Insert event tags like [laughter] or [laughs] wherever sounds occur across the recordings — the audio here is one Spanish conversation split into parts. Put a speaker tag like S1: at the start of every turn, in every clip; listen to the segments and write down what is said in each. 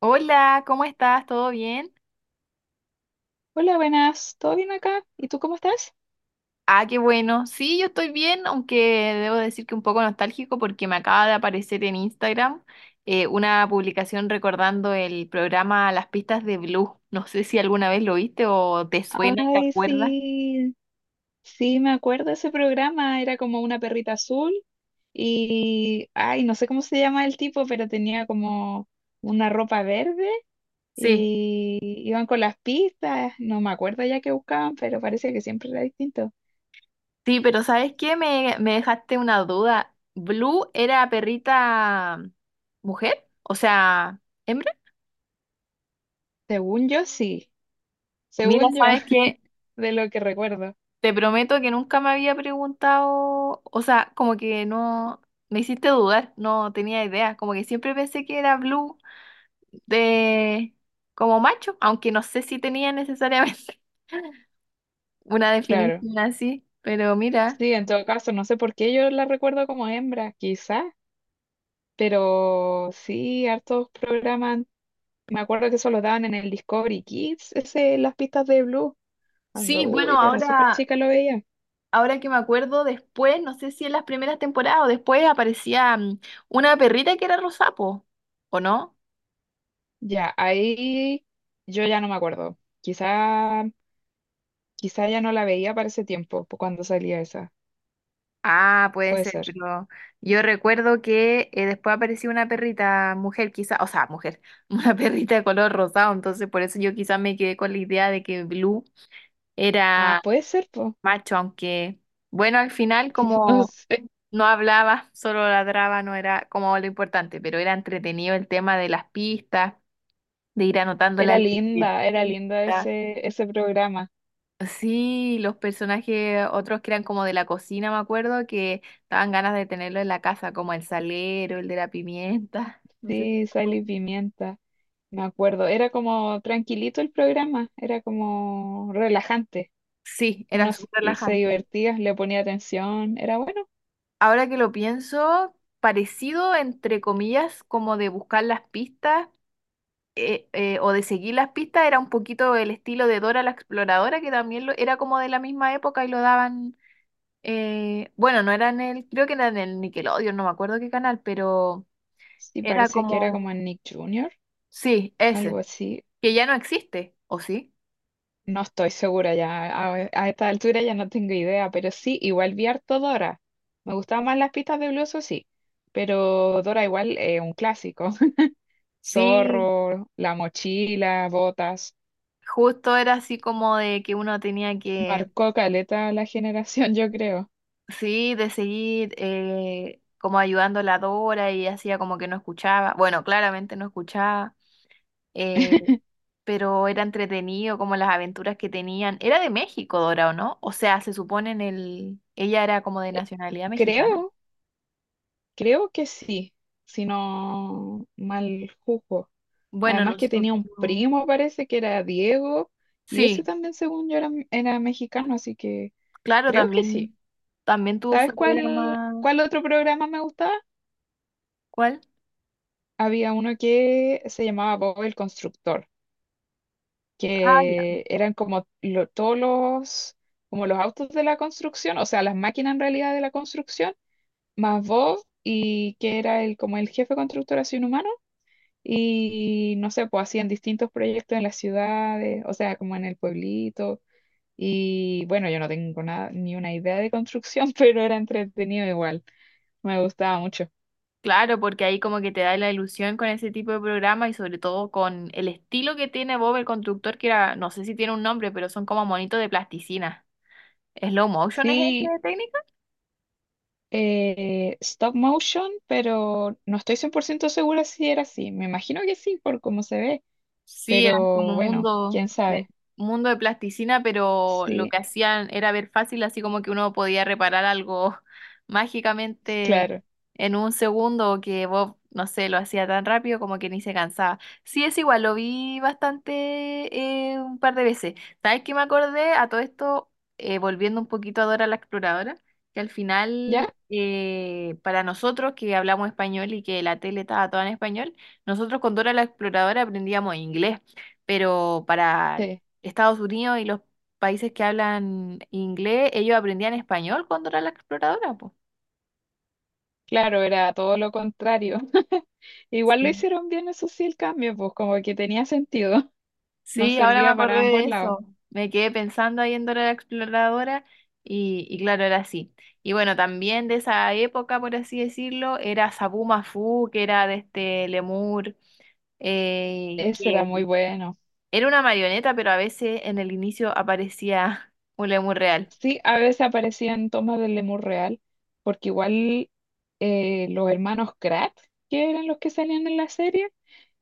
S1: Hola, ¿cómo estás? ¿Todo bien?
S2: Hola, buenas, ¿todo bien acá? ¿Y tú cómo estás?
S1: Ah, qué bueno. Sí, yo estoy bien, aunque debo decir que un poco nostálgico porque me acaba de aparecer en Instagram una publicación recordando el programa Las pistas de Blue. No sé si alguna vez lo viste o te suena, ¿te
S2: Ay,
S1: acuerdas?
S2: sí, sí, me acuerdo de ese programa, era como una perrita azul y, ay, no sé cómo se llama el tipo, pero tenía como una ropa verde
S1: Sí.
S2: y iban con las pistas, no me acuerdo ya qué buscaban, pero parece que siempre era distinto.
S1: Sí, pero ¿sabes qué? Me dejaste una duda. ¿Blue era perrita mujer? O sea, hembra.
S2: Según yo, sí,
S1: Mira,
S2: según yo,
S1: ¿sabes qué?
S2: [laughs] de lo que recuerdo,
S1: Te prometo que nunca me había preguntado, o sea, como que no, me hiciste dudar, no tenía idea, como que siempre pensé que era Blue de como macho, aunque no sé si tenía necesariamente [laughs] una
S2: claro.
S1: definición así, pero mira,
S2: Sí, en todo caso, no sé por qué yo la recuerdo como hembra, quizá, pero sí, hartos programas. Me acuerdo que eso lo daban en el Discovery Kids, ese, las pistas de Blue. Cuando,
S1: sí, bueno,
S2: uy, yo era súper
S1: ahora,
S2: chica, lo veía.
S1: ahora que me acuerdo después, no sé si en las primeras temporadas o después aparecía una perrita que era Rosapo, ¿o no?
S2: Ya, ahí yo ya no me acuerdo. Quizá ya no la veía para ese tiempo, po, cuando salía esa.
S1: Ah, puede
S2: Puede
S1: ser,
S2: ser.
S1: pero yo recuerdo que después apareció una perrita mujer, quizá, o sea, mujer, [laughs] una perrita de color rosado, entonces por eso yo quizás me quedé con la idea de que Blue
S2: Ah,
S1: era
S2: puede ser, pues.
S1: macho, aunque, bueno, al final
S2: [laughs] No
S1: como
S2: sé.
S1: no hablaba, solo ladraba, no era como lo importante, pero era entretenido el tema de las pistas, de ir anotándola en la
S2: Era linda
S1: libretita.
S2: ese programa.
S1: Sí, los personajes, otros que eran como de la cocina, me acuerdo, que daban ganas de tenerlo en la casa, como el salero, el de la pimienta. [laughs] No sé si
S2: Sí,
S1: te
S2: Sal y
S1: acuerdas.
S2: Pimienta. Me acuerdo. Era como tranquilito el programa, era como relajante.
S1: Sí, era
S2: Uno se
S1: súper
S2: se
S1: relajante.
S2: divertía, le ponía atención, era bueno.
S1: Ahora que lo pienso, parecido, entre comillas, como de buscar las pistas o de seguir las pistas, era un poquito el estilo de Dora la Exploradora, que también lo, era como de la misma época y lo daban, bueno, no era en el, creo que era en el Nickelodeon, no me acuerdo qué canal, pero
S2: Sí,
S1: era
S2: parece que era
S1: como...
S2: como en Nick Jr.,
S1: Sí,
S2: algo
S1: ese,
S2: así.
S1: que ya no existe, ¿o sí?
S2: No estoy segura ya, a esta altura ya no tengo idea, pero sí, igual vi harto Dora. Me gustaban más las pistas de Blue, eso sí, pero Dora igual es un clásico. [laughs]
S1: Sí,
S2: Zorro, la mochila, botas.
S1: justo era así como de que uno tenía que,
S2: Marcó caleta a la generación, yo creo.
S1: sí, de seguir como ayudando a la Dora y hacía como que no escuchaba, bueno, claramente no escuchaba, eh,
S2: [laughs]
S1: pero era entretenido como las aventuras que tenían. Era de México, Dora, ¿o no? O sea, se supone en el, ella era como de nacionalidad mexicana.
S2: Creo, creo que sí, si no mal juzgo.
S1: Bueno,
S2: Además que
S1: nosotros,
S2: tenía un primo, parece que era Diego, y ese
S1: sí,
S2: también, según yo, era mexicano, así que
S1: claro,
S2: creo que sí.
S1: también, también tuvo
S2: ¿Sabes
S1: su
S2: cuál,
S1: programa,
S2: cuál otro programa me gustaba?
S1: ¿cuál?
S2: Había uno que se llamaba Bob el Constructor,
S1: Ah, ya.
S2: que eran como todos los, como los autos de la construcción, o sea, las máquinas en realidad de la construcción, más Bob, y que era el, como el jefe constructor así un humano, y no sé, pues hacían distintos proyectos en las ciudades, o sea, como en el pueblito. Y bueno, yo no tengo nada, ni una idea de construcción, [laughs] pero era entretenido igual. Me gustaba mucho.
S1: Claro, porque ahí como que te da la ilusión con ese tipo de programa y sobre todo con el estilo que tiene Bob el constructor, que era, no sé si tiene un nombre, pero son como monitos de plasticina. ¿Slow motion es esa
S2: Sí,
S1: técnica?
S2: stop motion, pero no estoy 100% segura si era así. Me imagino que sí, por cómo se ve,
S1: Sí, eran como
S2: pero bueno, quién sabe.
S1: mundo de plasticina, pero lo
S2: Sí,
S1: que hacían era ver fácil, así como que uno podía reparar algo [laughs] mágicamente
S2: claro.
S1: en un segundo, o que Bob, no sé, lo hacía tan rápido como que ni se cansaba. Sí, es igual, lo vi bastante un par de veces. ¿Sabes qué me acordé? A todo esto, volviendo un poquito a Dora la Exploradora, que al final,
S2: ¿Ya?
S1: para nosotros que hablamos español y que la tele estaba toda en español, nosotros con Dora la Exploradora aprendíamos inglés, pero para
S2: Sí,
S1: Estados Unidos y los países que hablan inglés, ellos aprendían español con Dora la Exploradora, pues.
S2: claro, era todo lo contrario. [laughs] Igual lo
S1: Sí.
S2: hicieron bien, eso sí, el cambio, pues como que tenía sentido. [laughs] Nos
S1: Sí, ahora me
S2: servía para
S1: acordé de
S2: ambos
S1: eso.
S2: lados.
S1: Me quedé pensando ahí en Dora la Exploradora y claro, era así. Y bueno, también de esa época, por así decirlo, era Sabu Mafu, que era de este Lemur,
S2: Ese era
S1: que
S2: muy bueno.
S1: era una marioneta, pero a veces en el inicio aparecía un Lemur real.
S2: Sí, a veces aparecían tomas del Lemur real, porque igual los hermanos Kratt, que eran los que salían en la serie,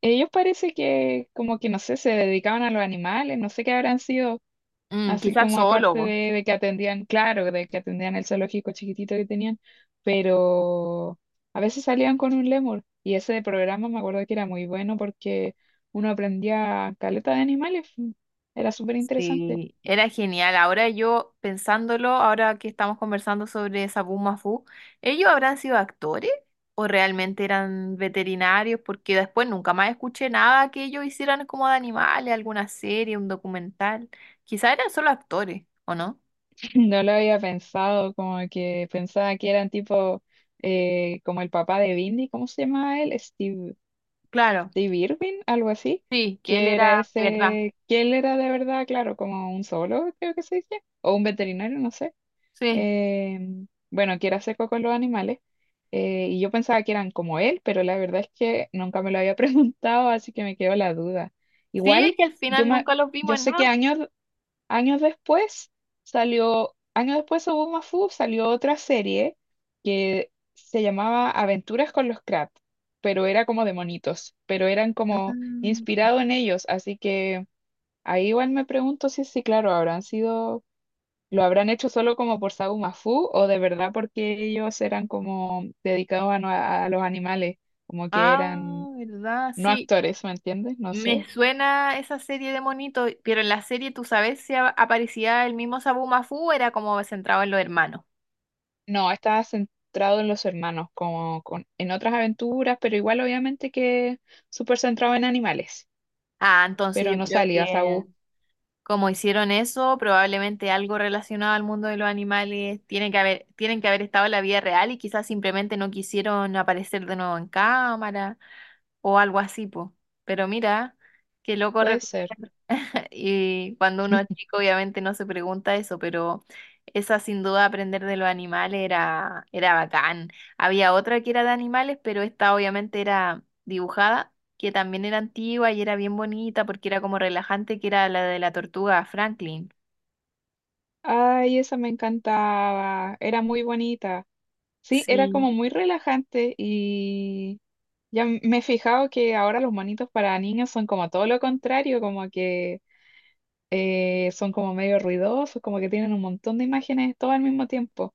S2: ellos parece que como que no sé, se dedicaban a los animales, no sé qué habrán sido,
S1: Mm,
S2: así
S1: quizás
S2: como aparte
S1: zoólogo.
S2: de que atendían, claro, de que atendían el zoológico chiquitito que tenían, pero a veces salían con un Lemur y ese de programa me acuerdo que era muy bueno porque uno aprendía caleta de animales, era súper interesante.
S1: Sí, era genial. Ahora yo pensándolo, ahora que estamos conversando sobre Sabu Mafu, ¿ellos habrán sido actores o realmente eran veterinarios? Porque después nunca más escuché nada que ellos hicieran como de animales, alguna serie, un documental. Quizás eran solo actores, ¿o no?
S2: No lo había pensado, como que pensaba que eran tipo como el papá de Bindi, ¿cómo se llamaba él? Steve,
S1: Claro,
S2: Steve Irwin, algo así,
S1: sí, que él
S2: que era
S1: era de verdad.
S2: ese, que él era de verdad, claro, como un solo, creo que se dice, o un veterinario, no sé.
S1: Sí,
S2: Bueno, que era seco con los animales, y yo pensaba que eran como él, pero la verdad es que nunca me lo había [laughs] preguntado, así que me quedó la duda.
S1: sí, es
S2: Igual,
S1: que al
S2: yo,
S1: final
S2: me,
S1: nunca los vimos
S2: yo
S1: en
S2: sé qué
S1: nada.
S2: año. Años después salió, años después hubo Mafu, salió otra serie que se llamaba Aventuras con los Crab, pero era como de monitos, pero eran como
S1: Ah,
S2: inspirado en ellos, así que ahí igual me pregunto si sí, claro, habrán sido, lo habrán hecho solo como por Sabu Mafu o de verdad porque ellos eran como dedicados a, a los animales, como que
S1: ah,
S2: eran
S1: ¿verdad?
S2: no
S1: Sí.
S2: actores, ¿me entiendes? No
S1: Me
S2: sé.
S1: suena esa serie de monitos, pero en la serie, ¿tú sabes si aparecía el mismo Sabu Mafu? Era como centrado en los hermanos.
S2: No, estaba centrado en los hermanos, como con, en otras aventuras, pero igual obviamente que súper centrado en animales.
S1: Ah, entonces
S2: Pero
S1: yo
S2: no
S1: creo
S2: salía,
S1: que
S2: Saúl.
S1: como hicieron eso, probablemente algo relacionado al mundo de los animales tiene que haber, tienen que haber estado en la vida real y quizás simplemente no quisieron aparecer de nuevo en cámara o algo así, po. Pero mira, qué loco.
S2: Puede ser.
S1: Y cuando uno es chico, obviamente no se pregunta eso, pero esa sin duda aprender de los animales era, era bacán. Había otra que era de animales, pero esta obviamente era dibujada, que también era antigua y era bien bonita porque era como relajante, que era la de la tortuga Franklin.
S2: Ay, esa me encantaba. Era muy bonita. Sí, era
S1: Sí,
S2: como muy relajante y ya me he fijado que ahora los monitos para niños son como todo lo contrario, como que son como medio ruidosos, como que tienen un montón de imágenes todo al mismo tiempo.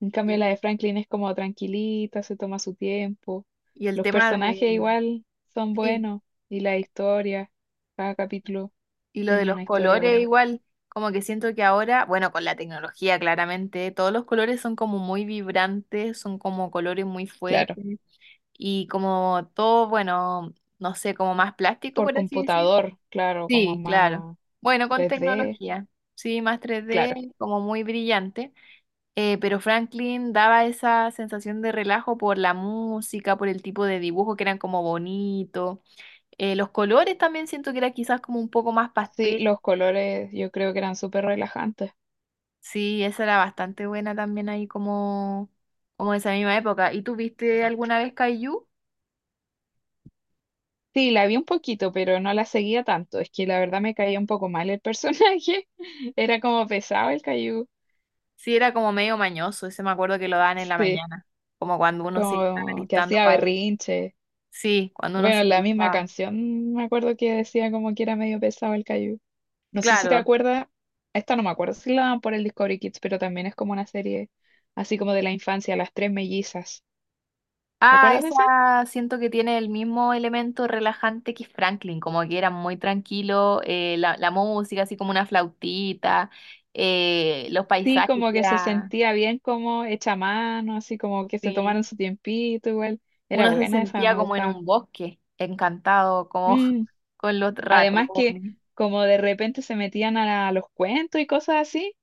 S2: En cambio, la
S1: sí,
S2: de Franklin es como tranquilita, se toma su tiempo.
S1: y el
S2: Los
S1: tema de,
S2: personajes igual son
S1: sí,
S2: buenos y la historia, cada capítulo
S1: y lo de
S2: tenía
S1: los
S2: una historia
S1: colores
S2: buena.
S1: igual, como que siento que ahora, bueno, con la tecnología claramente, todos los colores son como muy vibrantes, son como colores muy
S2: Claro,
S1: fuertes, y como todo, bueno, no sé, como más plástico,
S2: por
S1: por así decir.
S2: computador, claro, como
S1: Sí, claro.
S2: más
S1: Bueno, con
S2: 3D,
S1: tecnología, sí, más tres
S2: claro.
S1: d como muy brillante. Pero Franklin daba esa sensación de relajo por la música, por el tipo de dibujo que eran como bonito. Los colores también siento que era quizás como un poco más
S2: Sí,
S1: pastel,
S2: los colores yo creo que eran súper relajantes.
S1: sí, esa era bastante buena también ahí como, como de esa misma época. ¿Y tú viste alguna vez Kaiju?
S2: Sí, la vi un poquito, pero no la seguía tanto. Es que la verdad me caía un poco mal el personaje. [laughs] Era como pesado el Caillou.
S1: Sí, era como medio mañoso, ese me acuerdo que lo daban en la
S2: Sí,
S1: mañana, como cuando uno se estaba
S2: como que
S1: listando
S2: hacía
S1: para ir.
S2: berrinche.
S1: Sí, cuando uno
S2: Bueno,
S1: se
S2: la misma
S1: listaba.
S2: canción me acuerdo que decía como que era medio pesado el Caillou. No sé si te
S1: Claro.
S2: acuerdas, esta no me acuerdo si la dan por el Discovery Kids, pero también es como una serie así como de la infancia, Las Tres Mellizas. ¿Te
S1: Ah,
S2: acuerdas de
S1: esa
S2: esa?
S1: siento que tiene el mismo elemento relajante que Franklin, como que era muy tranquilo, la música, así como una flautita, los
S2: Sí,
S1: paisajes,
S2: como
S1: que
S2: que se
S1: era...
S2: sentía bien como hecha a mano, así como que se
S1: Sí,
S2: tomaron su tiempito igual. Era
S1: uno se
S2: buena esa,
S1: sentía
S2: me
S1: como en
S2: gustaba.
S1: un bosque, encantado, como
S2: Mm.
S1: [laughs] con los
S2: Además que
S1: ratones.
S2: como de repente se metían a, a los cuentos y cosas así,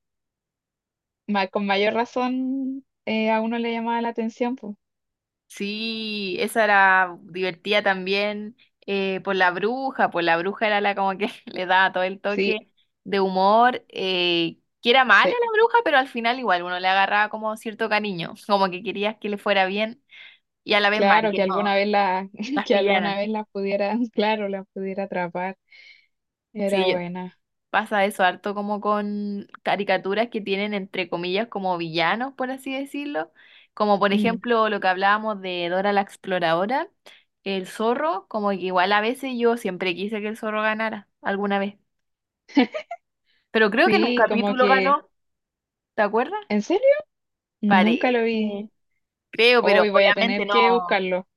S2: con mayor razón a uno le llamaba la atención, pues.
S1: Sí, esa era divertida también por la bruja, por la bruja era la como que [laughs] le daba todo el
S2: Sí.
S1: toque de humor, que era mala
S2: Sí,
S1: la bruja, pero al final igual uno le agarraba como cierto cariño, como que querías que le fuera bien y a la vez mal,
S2: claro,
S1: que
S2: que alguna
S1: no
S2: vez la, [laughs]
S1: las
S2: que alguna
S1: pillaran.
S2: vez la pudiera, [laughs] claro, la pudiera atrapar. Era
S1: Sí, yo,
S2: buena.
S1: pasa eso harto como con caricaturas que tienen entre comillas como villanos, por así decirlo, como por
S2: Mm.
S1: ejemplo lo que hablábamos de Dora la Exploradora, el zorro, como que igual a veces yo siempre quise que el zorro ganara alguna vez, pero creo que en un
S2: Sí, como
S1: capítulo
S2: que,
S1: ganó, ¿te acuerdas?
S2: ¿en serio? Nunca lo
S1: Parece,
S2: vi.
S1: creo, pero
S2: Hoy voy a
S1: obviamente
S2: tener
S1: no,
S2: que buscarlo.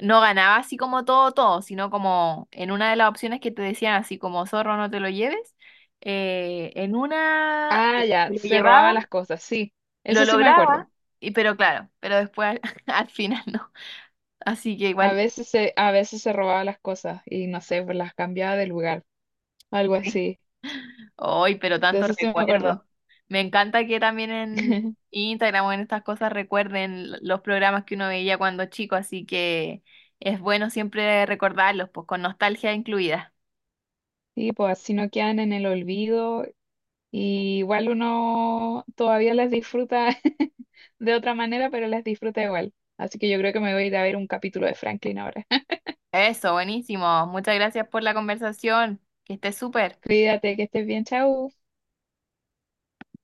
S1: no ganaba así como todo, todo, sino como en una de las opciones que te decían así como zorro no te lo lleves, eh, en una
S2: Ah,
S1: eh,
S2: ya,
S1: se lo
S2: se
S1: llevaba.
S2: robaba las cosas, sí.
S1: Lo
S2: Eso sí me acuerdo.
S1: lograba, y, pero claro, pero después al, [laughs] al final no. Así que igual,
S2: A veces se robaba las cosas y no sé, pues las cambiaba de lugar, algo
S1: sí,
S2: así.
S1: hoy, pero
S2: De
S1: tanto
S2: eso sí me acuerdo.
S1: recuerdo. Me encanta que también en
S2: [laughs]
S1: Instagram o en estas cosas recuerden los programas que uno veía cuando chico, así que es bueno siempre recordarlos, pues con nostalgia incluida.
S2: Sí, pues así no quedan en el olvido. Y igual uno todavía las disfruta [laughs] de otra manera, pero las disfruta igual. Así que yo creo que me voy a ir a ver un capítulo de Franklin ahora.
S1: Eso, buenísimo. Muchas gracias por la conversación. Que estés súper.
S2: [laughs] Cuídate, que estés bien, chau.